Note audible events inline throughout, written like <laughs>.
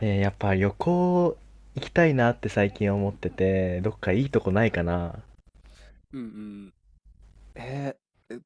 やっぱ旅行行きたいなって最近思ってて、どっかいいとこないかな。うんうん、えー、え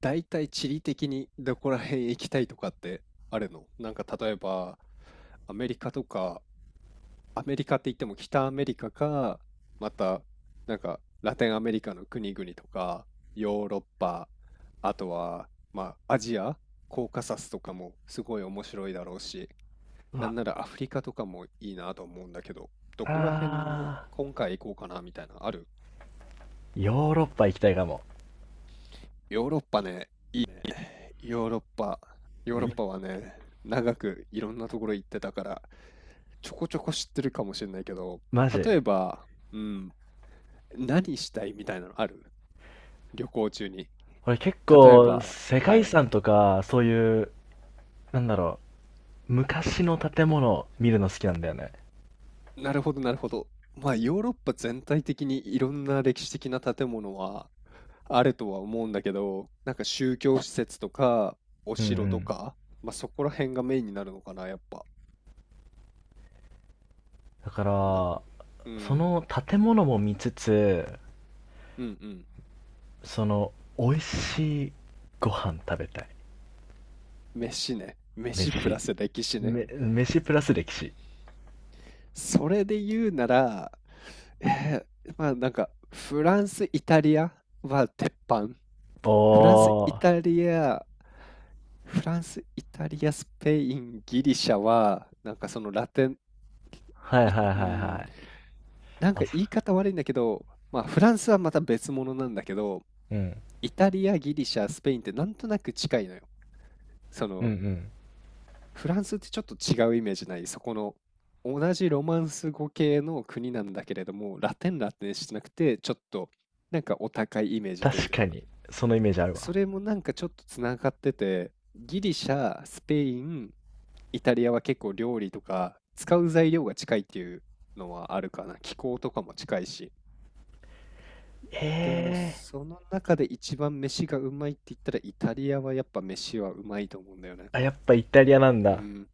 だいたい地理的にどこら辺行きたいとかってあるなんか例えば、アメリカとか、アメリカって言っても北アメリカか、また、なんか、ラテンアメリカの国々とか、ヨーロッパ、あとは、まあ、アジア、コーカサスとかもすごい面白いだろうし、うなわ、んならアフリカとかもいいなと思うんだけど、どこら辺があ今回行こうかなみたいな、ある？ヨーロッパ行きたいかも。ヨーロッパね、ヨーロッパ、ヨーまロッいパはね、長くいろんなところ行ってたから、ちょこちょこ知ってるかもしれないけど、マジ。例えば、うん、何したいみたいなのある、旅行中に。俺結例え構ば、世は界遺い、産とか、そういう、なんだろう、昔の建物見るの好きなんだよね。なるほど、なるほど。まあ、ヨーロッパ全体的にいろんな歴史的な建物はあるとは思うんだけど、なんか宗教施設とか、おうんう城とん。か、まあ、そこら辺がメインになるのかな、やっぱ。だかなんら、うそん、の建物も見つつ、うん、うん。その、美味しいご飯食べたい。飯ね。飯プ飯。ラス歴史ね。飯プラス歴史。それで言うなら、まあなんか、フランス、イタリアは鉄板。フランス、イおー。タリア、フランス、イタリア、スペイン、ギリシャは、なんかそのラテン、はいはいはいうん、はい。なんか言いあ方悪いんだけど、まあフランスはまた別物なんだけど、うん。イタリア、ギリシャ、スペインってなんとなく近いのよ。そうんうの、ん。フランスってちょっと違うイメージない？そこの、同じロマンス語系の国なんだけれども、ラテンラテンしてなくて、ちょっとなんかお高いイメージという確かか、に、そのイメージあるわ。それもなんかちょっとつながってて、ギリシャ、スペイン、イタリアは結構料理とか使う材料が近いっていうのはあるかな。気候とかも近いし。でもええその中で一番飯がうまいって言ったらイタリアはやっぱ飯はうまいと思うんだよね。ー、あ、やっぱイタリアなんうだ。ん。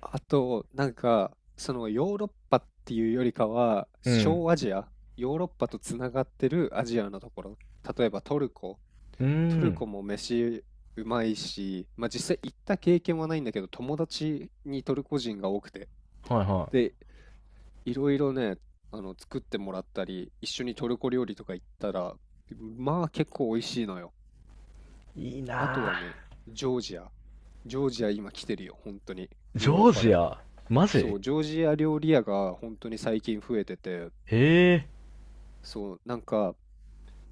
あと、なんか、そのヨーロッパっていうよりかは、うん。小アジア、ヨーロッパとつながってるアジアのところ、例えばトルコ、うートルん。コも飯うまいし、まあ実際行った経験はないんだけど、友達にトルコ人が多くて、はいはで、いろいろね、作ってもらったり、一緒にトルコ料理とか行ったら、まあ結構美味しいのよ。い。いいあとなあ。はね、ジョージア。ジョージア今来てるよ、本当に。ジヨーロッョーパでジも。ア。マそジ。う、ジョージア料理屋が本当に最近増えてて、ええそう、なんか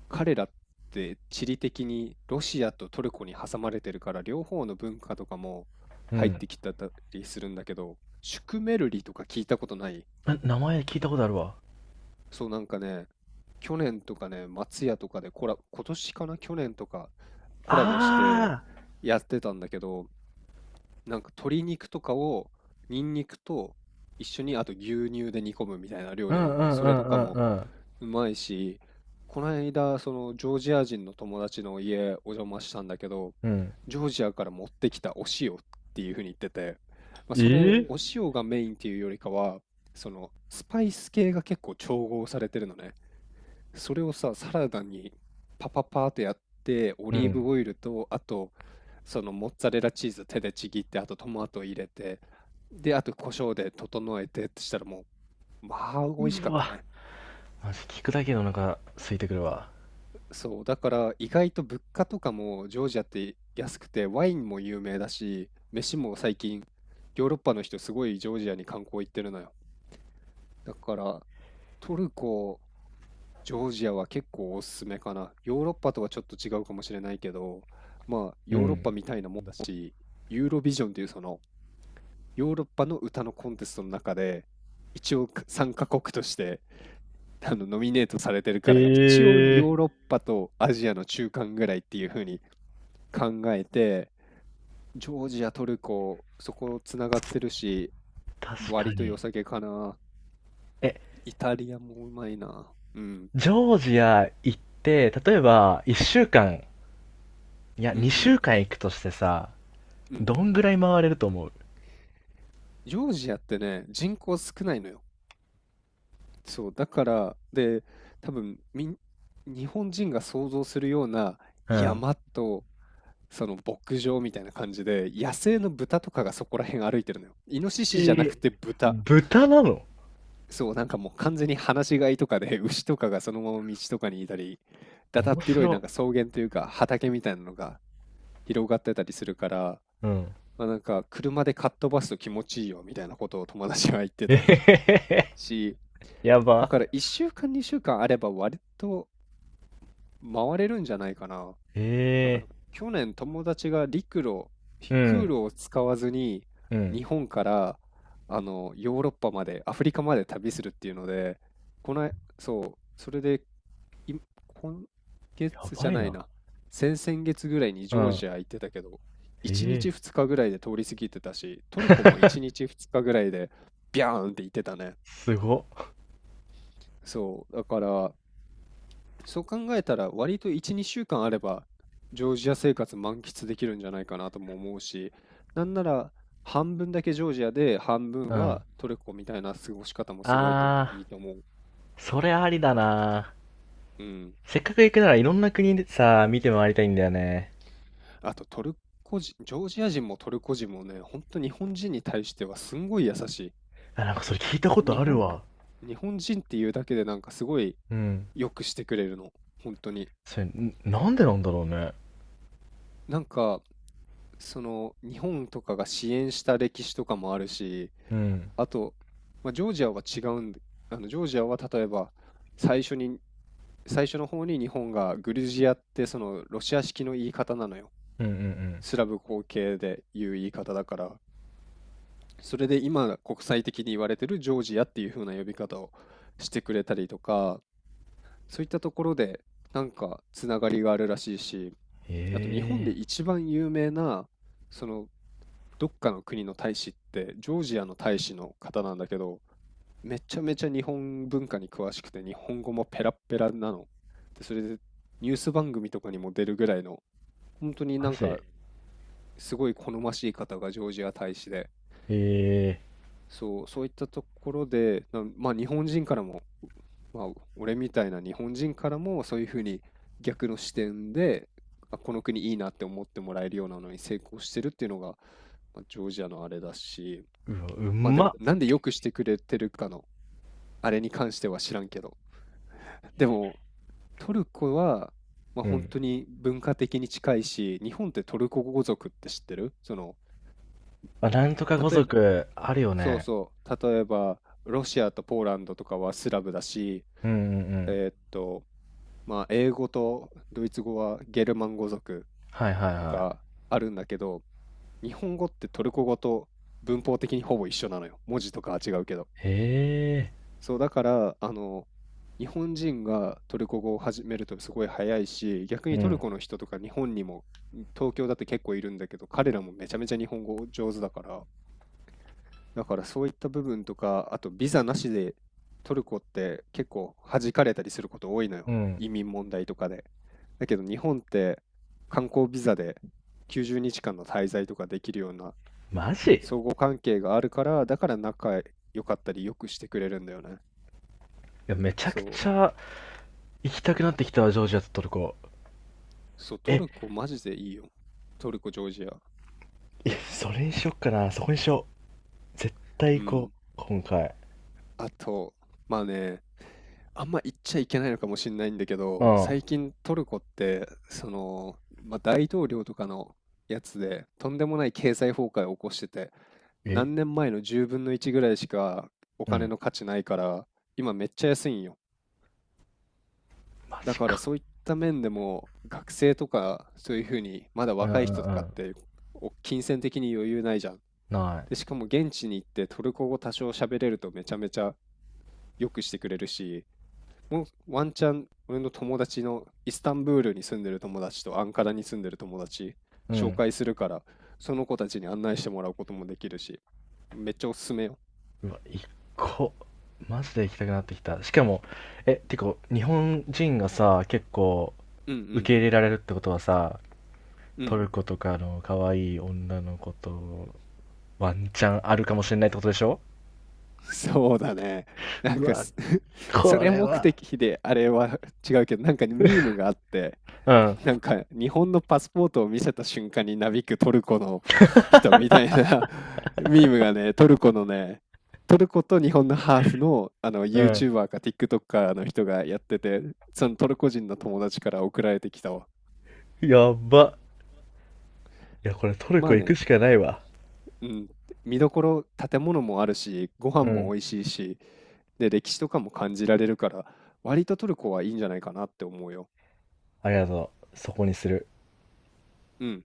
彼らって地理的にロシアとトルコに挟まれてるから、両方の文化とかもう入っん。てきてたりするんだけど、シュクメルリとか聞いたことない？名前聞いたことあるわ。そう、なんかね、去年とかね、松屋とかでコラ、今年かな、去年とかコラボしてあやってたんだけど、なんか鶏肉とかをニンニクと一緒に、あと牛乳で煮込むみたいな料あ、う理なんんだうけど、んそうれんとうかもんうん。うまいし、この間そのジョージア人の友達の家お邪魔したんだけど、うん。ジョージアから持ってきたお塩っていうふうに言ってて、まあ、それええお塩がメインっていうよりかは、そのスパイス系が結構調合されてるのね。それをさ、サラダにパパパーってやって、オうリーん。ブオイルと、あと、そのモッツァレラチーズ手でちぎって、あとトマト入れて、で、あと胡椒で整えてってしたらもう、まあ、美味しうかったわ。ね。マジ聞くだけでお腹空いてくるわ。そう、だから意外と物価とかもジョージアって安くて、ワインも有名だし、飯も最近、ヨーロッパの人すごいジョージアに観光行ってるのよ。だから、トルコ、ジョージアは結構おすすめかな。ヨーロッパとはちょっと違うかもしれないけど、まあうヨーロッパん。みたいなもんだし、ユーロビジョンっていうそのヨーロッパの歌のコンテストの中で、一応参加国として <laughs> ノミネートされてるから、一応ヨーええ。ロッパとアジアの中間ぐらいっていう風に考えて、ジョージア、トルコ、そこつながってるし、確か割とに。良さげかな。え、イタリアもうまいな。うん、ジョージア行って、例えば1週間、いやうん、う2ん、週間行くとしてさ、うん。どんぐらい回れると思う？ジョージアってね、人口少ないのよ。そう、だから、で、多分みん、日本人が想像するようなうん。山と、その牧場みたいな感じで、野生の豚とかがそこら辺歩いてるのよ。イノシえシじゃなー、くて豚。豚なの？そう、なんかもう完全に放し飼いとかで、<laughs> 牛とかがそのまま道とかにいたり、だだ面っ広いな白。んか草原というか畑みたいなのが広がってたりするから、うん。まあ、なんか車でかっ飛ばすと気持ちいいよみたいなことを友達は言って <laughs> えたへへへ。し、やだば。から1週間、2週間あれば割と回れるんじゃないかな。なんかえ去年友達が陸路、えー。う空ん。路を使わずにうん。日本からあのヨーロッパまで、アフリカまで旅するっていうので、この、そう、それでい今や月じばゃいないな。な、先々月ぐらいにうジョーん。ジア行ってたけど、え1え日ー。2日ぐらいで通り過ぎてたし、トルコも1日2日ぐらいでビャーンって行ってたね。すご。そう、だからそう考えたら割と1、2週間あればジョージア生活満喫できるんじゃないかなとも思うし、なんなら半分だけジョージアで半う分ん。はトルコみたいな過ごし方もすごいといあいと思う。それありだな。うん。せっかく行くならいろんな国でさ、見て回りたいんだよね。あとトルコ人、ジョージア人もトルコ人もね、本当日本人に対してはすんごい優しあ、なんかそれ聞いたこい。とあるわ。日本人っていうだけでなんかすごいうん。良くしてくれるの。本当に。それ、なんでなんだろうね。なんか、その日本とかが支援した歴史とかもあるし、うん。あと、まあ、ジョージアは違うんで、あのジョージアは例えば最初に、最初の方に日本がグルジアってそのロシア式の言い方なのよ。うんうんうん。スラブ後継で言う言い方だから、それで今国際的に言われてるジョージアっていう風な呼び方をしてくれたりとか、そういったところでなんかつながりがあるらしいし、あと日本でええ一番有名なその、どっかの国の大使ってジョージアの大使の方なんだけど、めちゃめちゃ日本文化に詳しくて日本語もペラッペラなの。でそれでニュース番組とかにも出るぐらいの本当にー。なマんジ。かえすごい好ましい方がジョージア大使で、えそう、そういったところでな、まあ日本人からも、まあ俺みたいな日本人からもそういうふうに逆の視点で、あ、この国いいなって思ってもらえるようなのに成功してるっていうのが、まあ、ジョージアのあれだし。ー。うわ、うまあでまも、っ。なんでよくしてくれてるかの、あれに関しては知らんけど。でも、トルコは、まあう本ん。当に文化的に近いし、日本ってトルコ語族って知ってる、その、あ、なんとか語例えば、族、あるよそうね。そう、例えば、ロシアとポーランドとかはスラブだし、うんうんうん。と、まあ英語とドイツ語はゲルマン語族はいはいとはい。かあるんだけど、日本語ってトルコ語と文法的にほぼ一緒なのよ。文字とかは違うけど。えそう、だから、あの、日本人がトルコ語を始めるとすごい早いし、逆えにうトルん。コの人とか日本にも、東京だって結構いるんだけど、彼らもめちゃめちゃ日本語上手だから、だからそういった部分とか、あとビザなしでトルコって結構弾かれたりすること多いのうよ。ん。うん。移民問題とかで。だけど日本って観光ビザで90日間の滞在とかできるようなマジ。い相互関係があるから、だから仲良かったりよくしてくれるんだよね。や、めちゃくちそう。ゃ行きたくなってきたわ、ジョージアとトルコ。そう、トルえ、コマジでいいよ。トルコ、ジョージア。いやそれにしよっかな、そこにしよう。絶う対行こん。う、今回。あと、まあね、あんま言っちゃいけないのかもしれないんだけうど、ん、最近トルコって、その、まあ、大統領とかのやつで、とんでもない経済崩壊を起こしてて、え、何年前の10分の1ぐらいしかおう金ん。の価値ないから、今めっちゃ安いんよ。マだジからか。そういった面でも、学生とか、そういうふうに、まだうんう若い人んうとかっん。て、お金銭的に余裕ないじゃん。ない。で、しかも現地に行ってトルコ語多少喋れるとめちゃめちゃ良くしてくれるし、もうワンチャン俺の友達のイスタンブールに住んでる友達とアンカラに住んでる友達う紹ん。介するから、その子たちに案内してもらうこともできるし、めっちゃおすすめよ。うわ、一個、マジで行きたくなってきた。しかも、え、てか、日本人がさ、結構う受けん入れられるってことはさ、うんうトん。ルコとかの可愛い女の子とワンチャンあるかもしれないってことでしょ？ <laughs> そうだね。なんうかわ、す <laughs> そこれれ目は。的であれは違うけど、なんかねミームがあって、うん、なんか日本のパスポートを見せた瞬間になびくトルコの人みたいな <laughs> ミームがね、トルコと日本のハーフの、あの うん。YouTuber か TikToker の人がやってて、そのトルコ人の友達から送られてきたわ。やば。いや、これトルまコあ行くね、しかないわ。うん、見どころ、建物もあるし、ご飯うもん。美味しいし、で、歴史とかも感じられるから、割とトルコはいいんじゃないかなって思うよ。ありがとう。そこにする。うん。